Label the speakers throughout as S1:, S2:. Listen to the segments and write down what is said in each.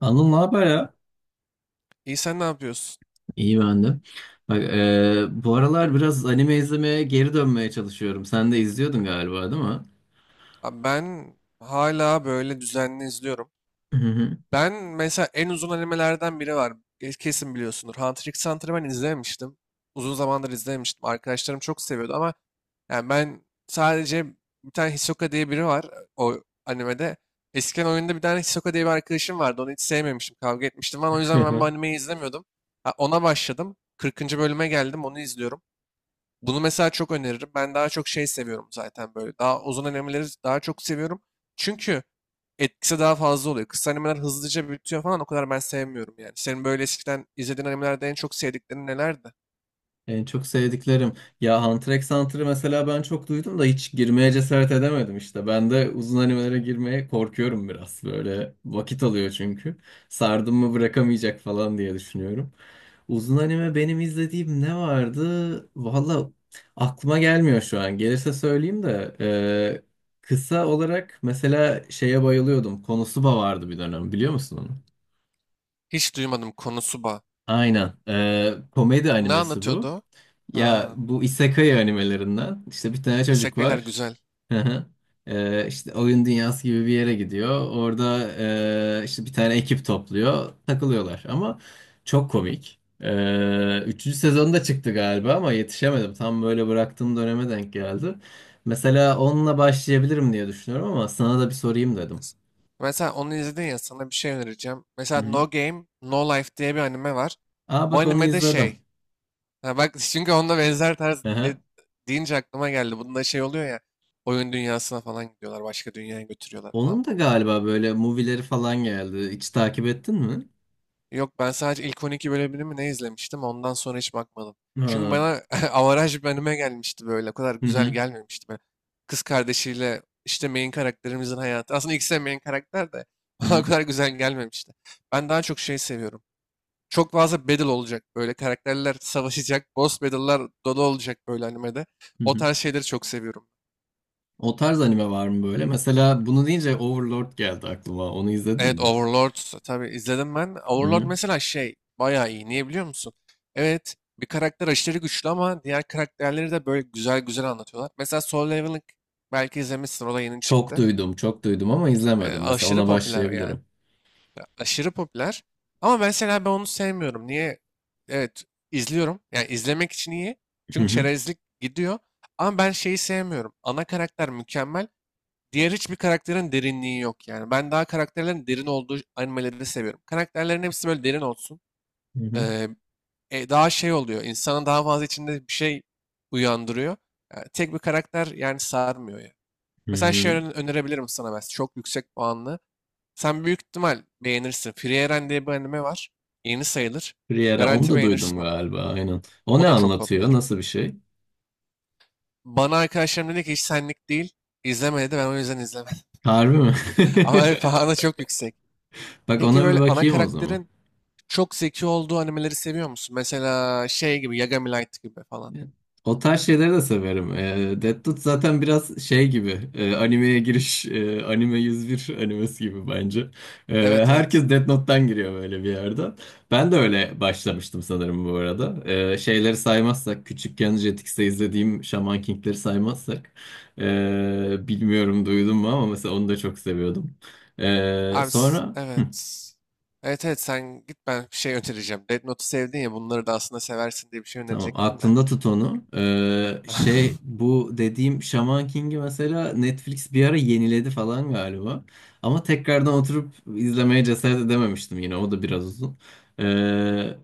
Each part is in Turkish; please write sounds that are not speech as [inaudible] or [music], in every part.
S1: Anıl ne haber ya?
S2: İyi sen ne yapıyorsun?
S1: İyi ben de. Bak, bu aralar biraz anime izlemeye geri dönmeye çalışıyorum. Sen de izliyordun galiba, değil mi?
S2: Abi ben hala böyle düzenli izliyorum.
S1: Hı
S2: Ben mesela en uzun animelerden biri var. Kesin biliyorsundur. Hunter x Hunter'ı ben izlememiştim. Uzun zamandır izlememiştim. Arkadaşlarım çok seviyordu ama yani ben sadece bir tane Hisoka diye biri var o animede. Eskiden oyunda bir tane Hisoka diye bir arkadaşım vardı. Onu hiç sevmemiştim. Kavga etmiştim falan. O yüzden ben bu
S1: hı. [laughs]
S2: animeyi izlemiyordum. Ha, ona başladım. 40. bölüme geldim. Onu izliyorum. Bunu mesela çok öneririm. Ben daha çok şey seviyorum zaten böyle. Daha uzun animeleri daha çok seviyorum. Çünkü etkisi daha fazla oluyor. Kısa animeler hızlıca bitiyor falan, o kadar ben sevmiyorum yani. Senin böyle eskiden izlediğin animelerde en çok sevdiklerin nelerdi?
S1: En çok sevdiklerim. Ya Hunter x Hunter'ı mesela ben çok duydum da hiç girmeye cesaret edemedim işte. Ben de uzun animelere girmeye korkuyorum biraz. Böyle vakit alıyor çünkü. Sardım mı bırakamayacak falan diye düşünüyorum. Uzun anime benim izlediğim ne vardı? Valla aklıma gelmiyor şu an. Gelirse söyleyeyim de. Kısa olarak mesela şeye bayılıyordum. Konosuba vardı bir dönem biliyor musun onu?
S2: Hiç duymadım Konosuba.
S1: Aynen. Komedi
S2: Ne
S1: animesi
S2: anlatıyordu
S1: bu.
S2: o?
S1: Ya
S2: Ha,
S1: bu isekai animelerinden işte bir tane çocuk
S2: isekai'ler
S1: var.
S2: güzel.
S1: Hı hı. İşte oyun dünyası gibi bir yere gidiyor. Orada işte bir tane ekip topluyor. Takılıyorlar ama çok komik. Üçüncü sezonda çıktı galiba ama yetişemedim. Tam böyle bıraktığım döneme denk geldi. Mesela onunla başlayabilirim diye düşünüyorum ama sana da bir sorayım dedim.
S2: Mes- Mesela onu izledin ya, sana bir şey önereceğim.
S1: Hı
S2: Mesela
S1: hı.
S2: No Game, No Life diye bir anime var.
S1: Aa
S2: Bu
S1: bak onu
S2: animede
S1: izledim.
S2: şey, ha bak, çünkü onda benzer tarz
S1: Hı hı.
S2: deyince aklıma geldi. Bunda şey oluyor ya, oyun dünyasına falan gidiyorlar. Başka dünyaya götürüyorlar falan
S1: Onun da
S2: bunları.
S1: galiba böyle movie'leri falan geldi. Hiç takip ettin mi?
S2: Yok, ben sadece ilk 12 bölümünü mü ne izlemiştim, ondan sonra hiç bakmadım. Çünkü
S1: Ha,
S2: bana [laughs] avaraj bir anime gelmişti böyle. O kadar
S1: hı
S2: güzel
S1: hı.
S2: gelmemişti böyle. Kız kardeşiyle işte main karakterimizin hayatı. Aslında ikisi de main karakter de [laughs]
S1: Hı
S2: bana o
S1: hı.
S2: kadar güzel gelmemişti. Ben daha çok şey seviyorum. Çok fazla battle olacak böyle. Karakterler savaşacak. Boss battle'lar dolu olacak böyle animede.
S1: Hı
S2: O
S1: hı.
S2: tarz şeyleri çok seviyorum.
S1: O tarz anime var mı böyle? Mesela bunu deyince Overlord geldi aklıma. Onu izledin
S2: Evet,
S1: mi?
S2: Overlord tabii izledim ben.
S1: Hı
S2: Overlord
S1: hı.
S2: mesela şey bayağı iyi. Niye biliyor musun? Evet, bir karakter aşırı güçlü ama diğer karakterleri de böyle güzel güzel anlatıyorlar. Mesela Solo Leveling belki izlemişsin, o da yeni
S1: Çok
S2: çıktı.
S1: duydum, çok duydum ama izlemedim. Mesela
S2: Aşırı
S1: ona
S2: popüler yani.
S1: başlayabilirim.
S2: Ya, aşırı popüler. Ama mesela ben onu sevmiyorum. Niye? Evet izliyorum. Yani izlemek için iyi.
S1: Hı
S2: Çünkü
S1: hı.
S2: çerezlik gidiyor. Ama ben şeyi sevmiyorum. Ana karakter mükemmel. Diğer hiçbir karakterin derinliği yok yani. Ben daha karakterlerin derin olduğu animeleri seviyorum. Karakterlerin hepsi böyle derin olsun.
S1: Hı hı.
S2: Ee, daha şey oluyor. İnsanın daha fazla içinde bir şey uyandırıyor. Yani tek bir karakter yani sarmıyor ya.
S1: Hı
S2: Mesela şey
S1: hı.
S2: önerebilirim sana ben. Çok yüksek puanlı. Sen büyük ihtimal beğenirsin. Free Eren diye bir anime var. Yeni sayılır.
S1: Friera, onu
S2: Garanti
S1: da duydum
S2: beğenirsin onu.
S1: galiba, aynen. O
S2: O
S1: ne
S2: da çok
S1: anlatıyor?
S2: popüler.
S1: Nasıl bir şey?
S2: Bana arkadaşlarım dedi ki hiç senlik değil. İzleme dedi. Ben o yüzden izlemedim.
S1: Harbi mi?
S2: [laughs] Ama evet,
S1: [laughs]
S2: puanı çok yüksek.
S1: Bak
S2: Peki
S1: ona bir
S2: böyle ana
S1: bakayım o zaman.
S2: karakterin çok zeki olduğu animeleri seviyor musun? Mesela şey gibi, Yagami Light gibi falan.
S1: O tarz şeyleri de severim. E, Death Note zaten biraz şey gibi. Animeye giriş, anime 101 animesi gibi bence. E,
S2: Evet, evet.
S1: herkes Death Note'tan giriyor böyle bir yerden. Ben de öyle başlamıştım sanırım bu arada. E, şeyleri saymazsak, küçükken Jetix'te izlediğim Shaman King'leri saymazsak. Bilmiyorum duydun mu ama mesela onu da çok seviyordum. E,
S2: Abi,
S1: sonra...
S2: evet. Evet, evet, sen git, ben bir şey önereceğim. Death Note'u sevdin ya, bunları da aslında seversin diye bir şey
S1: Tamam,
S2: önerecektim de.
S1: aklında tut onu. Şey
S2: [laughs]
S1: bu dediğim Shaman King'i mesela Netflix bir ara yeniledi falan galiba. Ama tekrardan oturup izlemeye cesaret edememiştim yine. O da biraz uzun. Ee,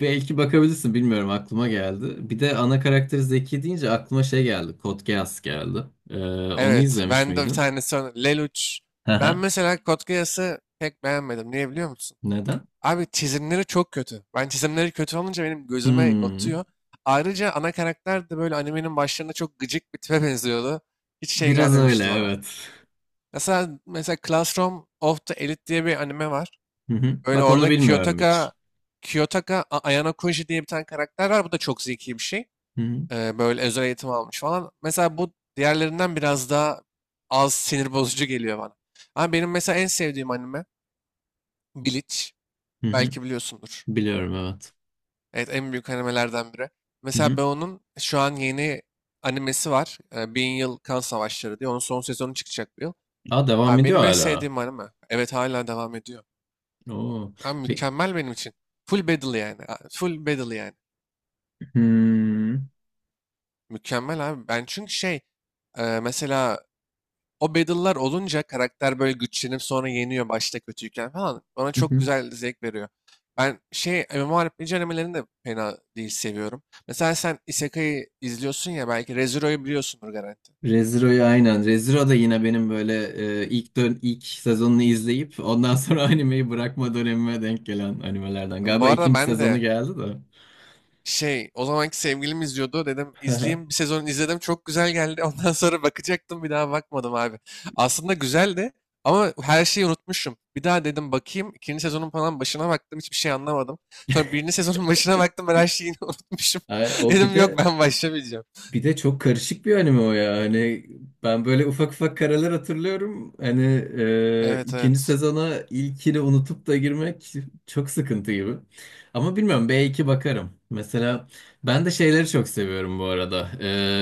S1: Belki bakabilirsin bilmiyorum aklıma geldi. Bir de ana karakter Zeki deyince aklıma şey geldi. Code Geass geldi. Ee, Onu
S2: Evet,
S1: izlemiş
S2: ben de bir
S1: miydin?
S2: tanesi Lelouch.
S1: Hı
S2: Ben
S1: hı.
S2: mesela Code Geass'ı pek beğenmedim. Niye biliyor musun?
S1: Neden?
S2: Abi çizimleri çok kötü. Ben çizimleri kötü olunca benim gözüme
S1: Hmm,
S2: batıyor. Ayrıca ana karakter de böyle animenin başlarında çok gıcık bir tipe [laughs] benziyordu. Hiç şey
S1: biraz öyle
S2: gelmemişti bana.
S1: evet.
S2: Mesela Classroom of the Elite diye bir anime var.
S1: Hı hı.
S2: Öyle
S1: Bak onu
S2: orada
S1: bilmiyorum hiç.
S2: Kiyotaka Ayano Kunji diye bir tane karakter var. Bu da çok zeki bir şey.
S1: Hı hı.
S2: Böyle özel eğitim almış falan. Mesela bu diğerlerinden biraz daha az sinir bozucu geliyor bana. Ama benim mesela en sevdiğim anime Bleach.
S1: Hı hı.
S2: Belki biliyorsundur.
S1: Biliyorum evet.
S2: Evet, en büyük animelerden biri.
S1: Hı
S2: Mesela
S1: hı.
S2: ben onun şu an yeni animesi var. Bin Yıl Kan Savaşları diye. Onun son sezonu çıkacak bu yıl.
S1: Aa devam
S2: Abi
S1: ediyor
S2: benim en
S1: hala.
S2: sevdiğim anime. Evet, hala devam ediyor.
S1: Oo.
S2: Abi
S1: Pe-
S2: mükemmel benim için. Full battle yani. Full battle yani.
S1: Hmm.
S2: Mükemmel abi. Ben çünkü şey, mesela o battle'lar olunca karakter böyle güçlenip sonra yeniyor başta kötüyken falan. Bana
S1: Hı
S2: çok
S1: hı.
S2: güzel zevk veriyor. Ben şey, MMORPG animelerini de fena değil seviyorum. Mesela sen Isekai'yi izliyorsun ya, belki ReZero'yu biliyorsundur garanti.
S1: Reziro'yu aynen. Reziro da yine benim böyle ilk sezonunu izleyip ondan sonra [laughs] animeyi bırakma dönemime denk gelen animelerden.
S2: Bu
S1: Galiba
S2: arada
S1: ikinci
S2: ben
S1: sezonu
S2: de
S1: geldi de.
S2: şey, o zamanki sevgilim izliyordu. Dedim
S1: Hı hı.
S2: izleyeyim. Bir sezon izledim. Çok güzel geldi. [laughs] Ondan sonra bakacaktım. Bir daha bakmadım abi. Aslında güzeldi ama her şeyi unutmuşum. Bir daha dedim bakayım. İkinci sezonun falan başına baktım. Hiçbir şey anlamadım. Sonra birinci sezonun [laughs] başına baktım. Ben her şeyi yine [laughs] unutmuşum.
S1: Ay,
S2: [laughs]
S1: o bir
S2: Dedim yok,
S1: de
S2: ben başlamayacağım.
S1: Bir de çok karışık bir anime o ya. Hani ben böyle ufak ufak karalar hatırlıyorum. Hani
S2: Evet,
S1: ikinci
S2: evet.
S1: sezona ilkini unutup da girmek çok sıkıntı gibi. Ama bilmiyorum belki bakarım. Mesela ben de şeyleri çok seviyorum bu arada.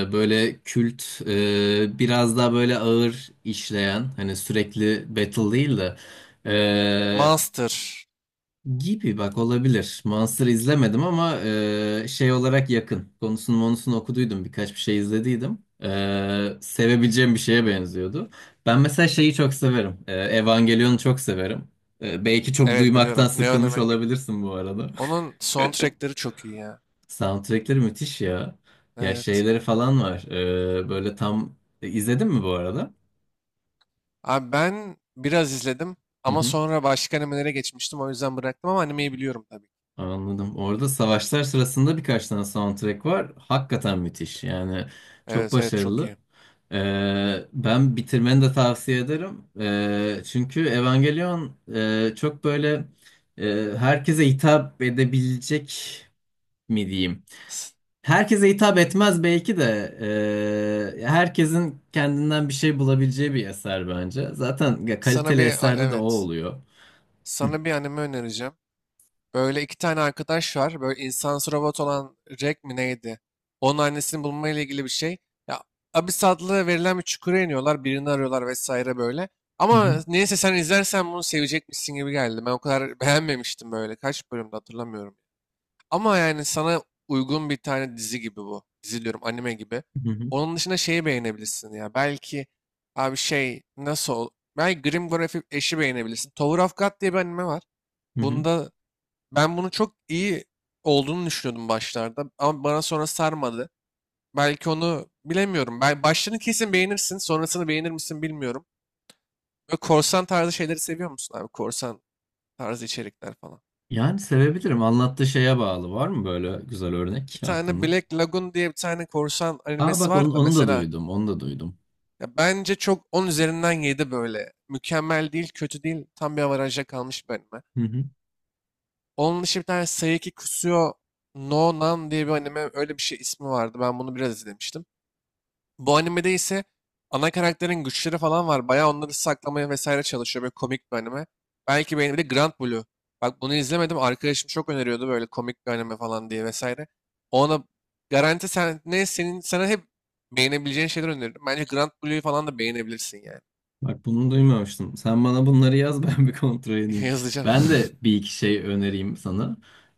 S1: E, böyle kült biraz daha böyle ağır işleyen hani sürekli battle değil de
S2: Monster.
S1: gibi bak olabilir. Monster izlemedim ama şey olarak yakın. Konusunu monusunu okuduydum. Birkaç bir şey izlediydim. E, sevebileceğim bir şeye benziyordu. Ben mesela şeyi çok severim. E, Evangelion'u çok severim. E, belki çok
S2: Evet
S1: duymaktan
S2: biliyorum.
S1: sıkılmış olabilirsin bu arada.
S2: Onun soundtrackleri çok iyi ya.
S1: [laughs] Soundtrackleri müthiş ya. Ya
S2: Evet.
S1: şeyleri falan var. E, böyle tam... izledin mi bu arada?
S2: Abi ben biraz izledim
S1: Hı
S2: ama
S1: hı.
S2: sonra başka animelere geçmiştim. O yüzden bıraktım ama animeyi biliyorum tabii.
S1: Anladım. Orada savaşlar sırasında birkaç tane soundtrack var. Hakikaten müthiş. Yani çok
S2: Evet, evet, çok
S1: başarılı.
S2: iyi.
S1: Ben bitirmeni de tavsiye ederim. Çünkü Evangelion çok böyle herkese hitap edebilecek mi diyeyim.
S2: S-
S1: Herkese hitap etmez belki de herkesin kendinden bir şey bulabileceği bir eser bence. Zaten ya,
S2: Sana
S1: kaliteli
S2: bir
S1: eserde de o
S2: evet.
S1: oluyor. Hı
S2: Sana bir anime önereceğim. Böyle iki tane arkadaş var. Böyle insansı robot olan Jack mi neydi? Onun annesini bulma ile ilgili bir şey. Ya, Abyss adlı verilen bir çukura iniyorlar. Birini arıyorlar vesaire böyle.
S1: hı. Hı
S2: Ama neyse sen izlersen bunu sevecekmişsin gibi geldi. Ben o kadar [laughs] beğenmemiştim böyle. Kaç bölümde hatırlamıyorum. Ama yani sana uygun bir tane dizi gibi bu. Dizi diyorum, anime gibi.
S1: hı.
S2: Onun dışında şeyi beğenebilirsin ya. Belki, abi şey, nasıl ol? Belki Grim Graphic eşi beğenebilirsin. Tower of God diye bir anime var.
S1: Hı hı.
S2: Bunda ben bunu çok iyi olduğunu düşünüyordum başlarda. Ama bana sonra sarmadı. Belki onu bilemiyorum. Ben başlarını kesin beğenirsin. Sonrasını beğenir misin bilmiyorum. Ve korsan tarzı şeyleri seviyor musun abi? Korsan tarzı içerikler falan.
S1: Yani sevebilirim. Anlattığı şeye bağlı. Var mı böyle güzel
S2: Bir
S1: örnek
S2: tane
S1: aklında?
S2: Black Lagoon diye bir tane korsan
S1: Aa
S2: animesi
S1: bak onu,
S2: var da
S1: onu da
S2: mesela.
S1: duydum. Onu da duydum.
S2: Ya, bence çok 10 üzerinden 7 böyle. Mükemmel değil, kötü değil. Tam bir avaraja kalmış bir anime.
S1: Hı hı.
S2: Onun dışı bir tane Seiki Kusuo no Nan diye bir anime, öyle bir şey ismi vardı. Ben bunu biraz izlemiştim. Bu animede ise ana karakterin güçleri falan var. Bayağı onları saklamaya vesaire çalışıyor. Böyle komik bir anime. Belki benim de Grand Blue. Bak, bunu izlemedim. Arkadaşım çok öneriyordu, böyle komik bir anime falan diye vesaire. Ona garanti sen ne, senin sana hep beğenebileceğin şeyler öneririm. Bence Grand Blue'yu falan da beğenebilirsin yani.
S1: Bak bunu duymamıştım. Sen bana bunları yaz [laughs] ben bir kontrol
S2: [laughs]
S1: edeyim.
S2: Yazacağım.
S1: Ben
S2: [laughs]
S1: de bir iki şey önereyim sana.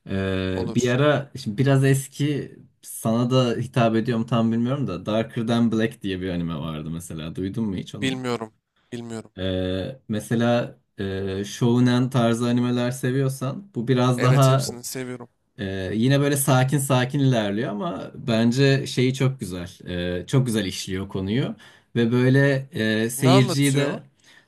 S1: Bir
S2: Olur.
S1: ara şimdi biraz eski sana da hitap ediyorum tam bilmiyorum da Darker Than Black diye bir anime vardı mesela. Duydun mu hiç onu?
S2: Bilmiyorum. Bilmiyorum.
S1: Mesela Shonen tarzı animeler seviyorsan bu biraz
S2: Evet,
S1: daha
S2: hepsini seviyorum.
S1: Yine böyle sakin sakin ilerliyor ama bence şeyi çok güzel. Çok güzel işliyor konuyu. Ve böyle
S2: Ne
S1: seyirciyi
S2: anlatıyor?
S1: de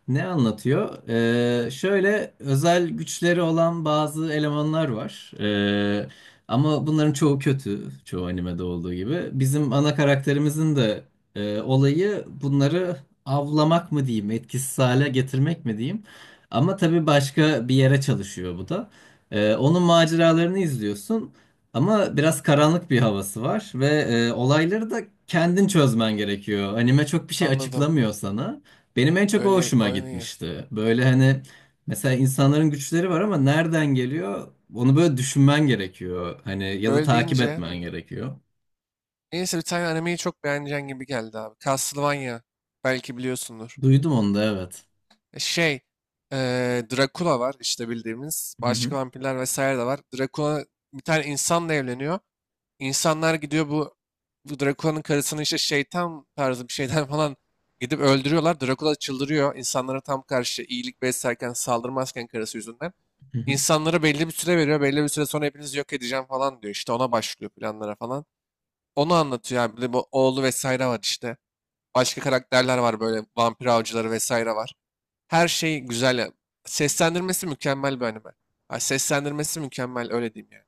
S1: ne anlatıyor? Şöyle özel güçleri olan bazı elemanlar var. Ama bunların çoğu kötü. Çoğu animede olduğu gibi. Bizim ana karakterimizin de olayı bunları avlamak mı diyeyim, etkisiz hale getirmek mi diyeyim. Ama tabii başka bir yere çalışıyor bu da. Onun maceralarını izliyorsun ama biraz karanlık bir havası var ve olayları da kendin çözmen gerekiyor. Anime çok bir şey
S2: Anladım.
S1: açıklamıyor sana. Benim en çok o
S2: Öyle,
S1: hoşuma
S2: öyle,
S1: gitmişti. Böyle hani mesela insanların güçleri var ama nereden geliyor? Onu böyle düşünmen gerekiyor. Hani ya da
S2: böyle
S1: takip
S2: deyince.
S1: etmen gerekiyor.
S2: Neyse, bir tane animeyi çok beğeneceğin gibi geldi abi. Castlevania. Belki biliyorsundur.
S1: Duydum onu da evet.
S2: Şey. Dracula var işte bildiğimiz.
S1: Hı
S2: Başka
S1: hı.
S2: vampirler vesaire de var. Dracula bir tane insanla evleniyor. İnsanlar gidiyor, bu Drakula'nın karısını işte şeytan tarzı bir şeyden [laughs] falan gidip öldürüyorlar. Drakula çıldırıyor. İnsanlara tam karşı iyilik beslerken, saldırmazken, karısı yüzünden.
S1: Hı hı.
S2: İnsanlara belli bir süre veriyor. Belli bir süre sonra hepinizi yok edeceğim falan diyor. İşte ona başlıyor, planlara falan. Onu anlatıyor abi. Bir de bu oğlu vesaire var işte. Başka karakterler var, böyle vampir avcıları vesaire var. Her şey güzel ya. Seslendirmesi mükemmel bir anime. Ha, seslendirmesi mükemmel, öyle diyeyim yani.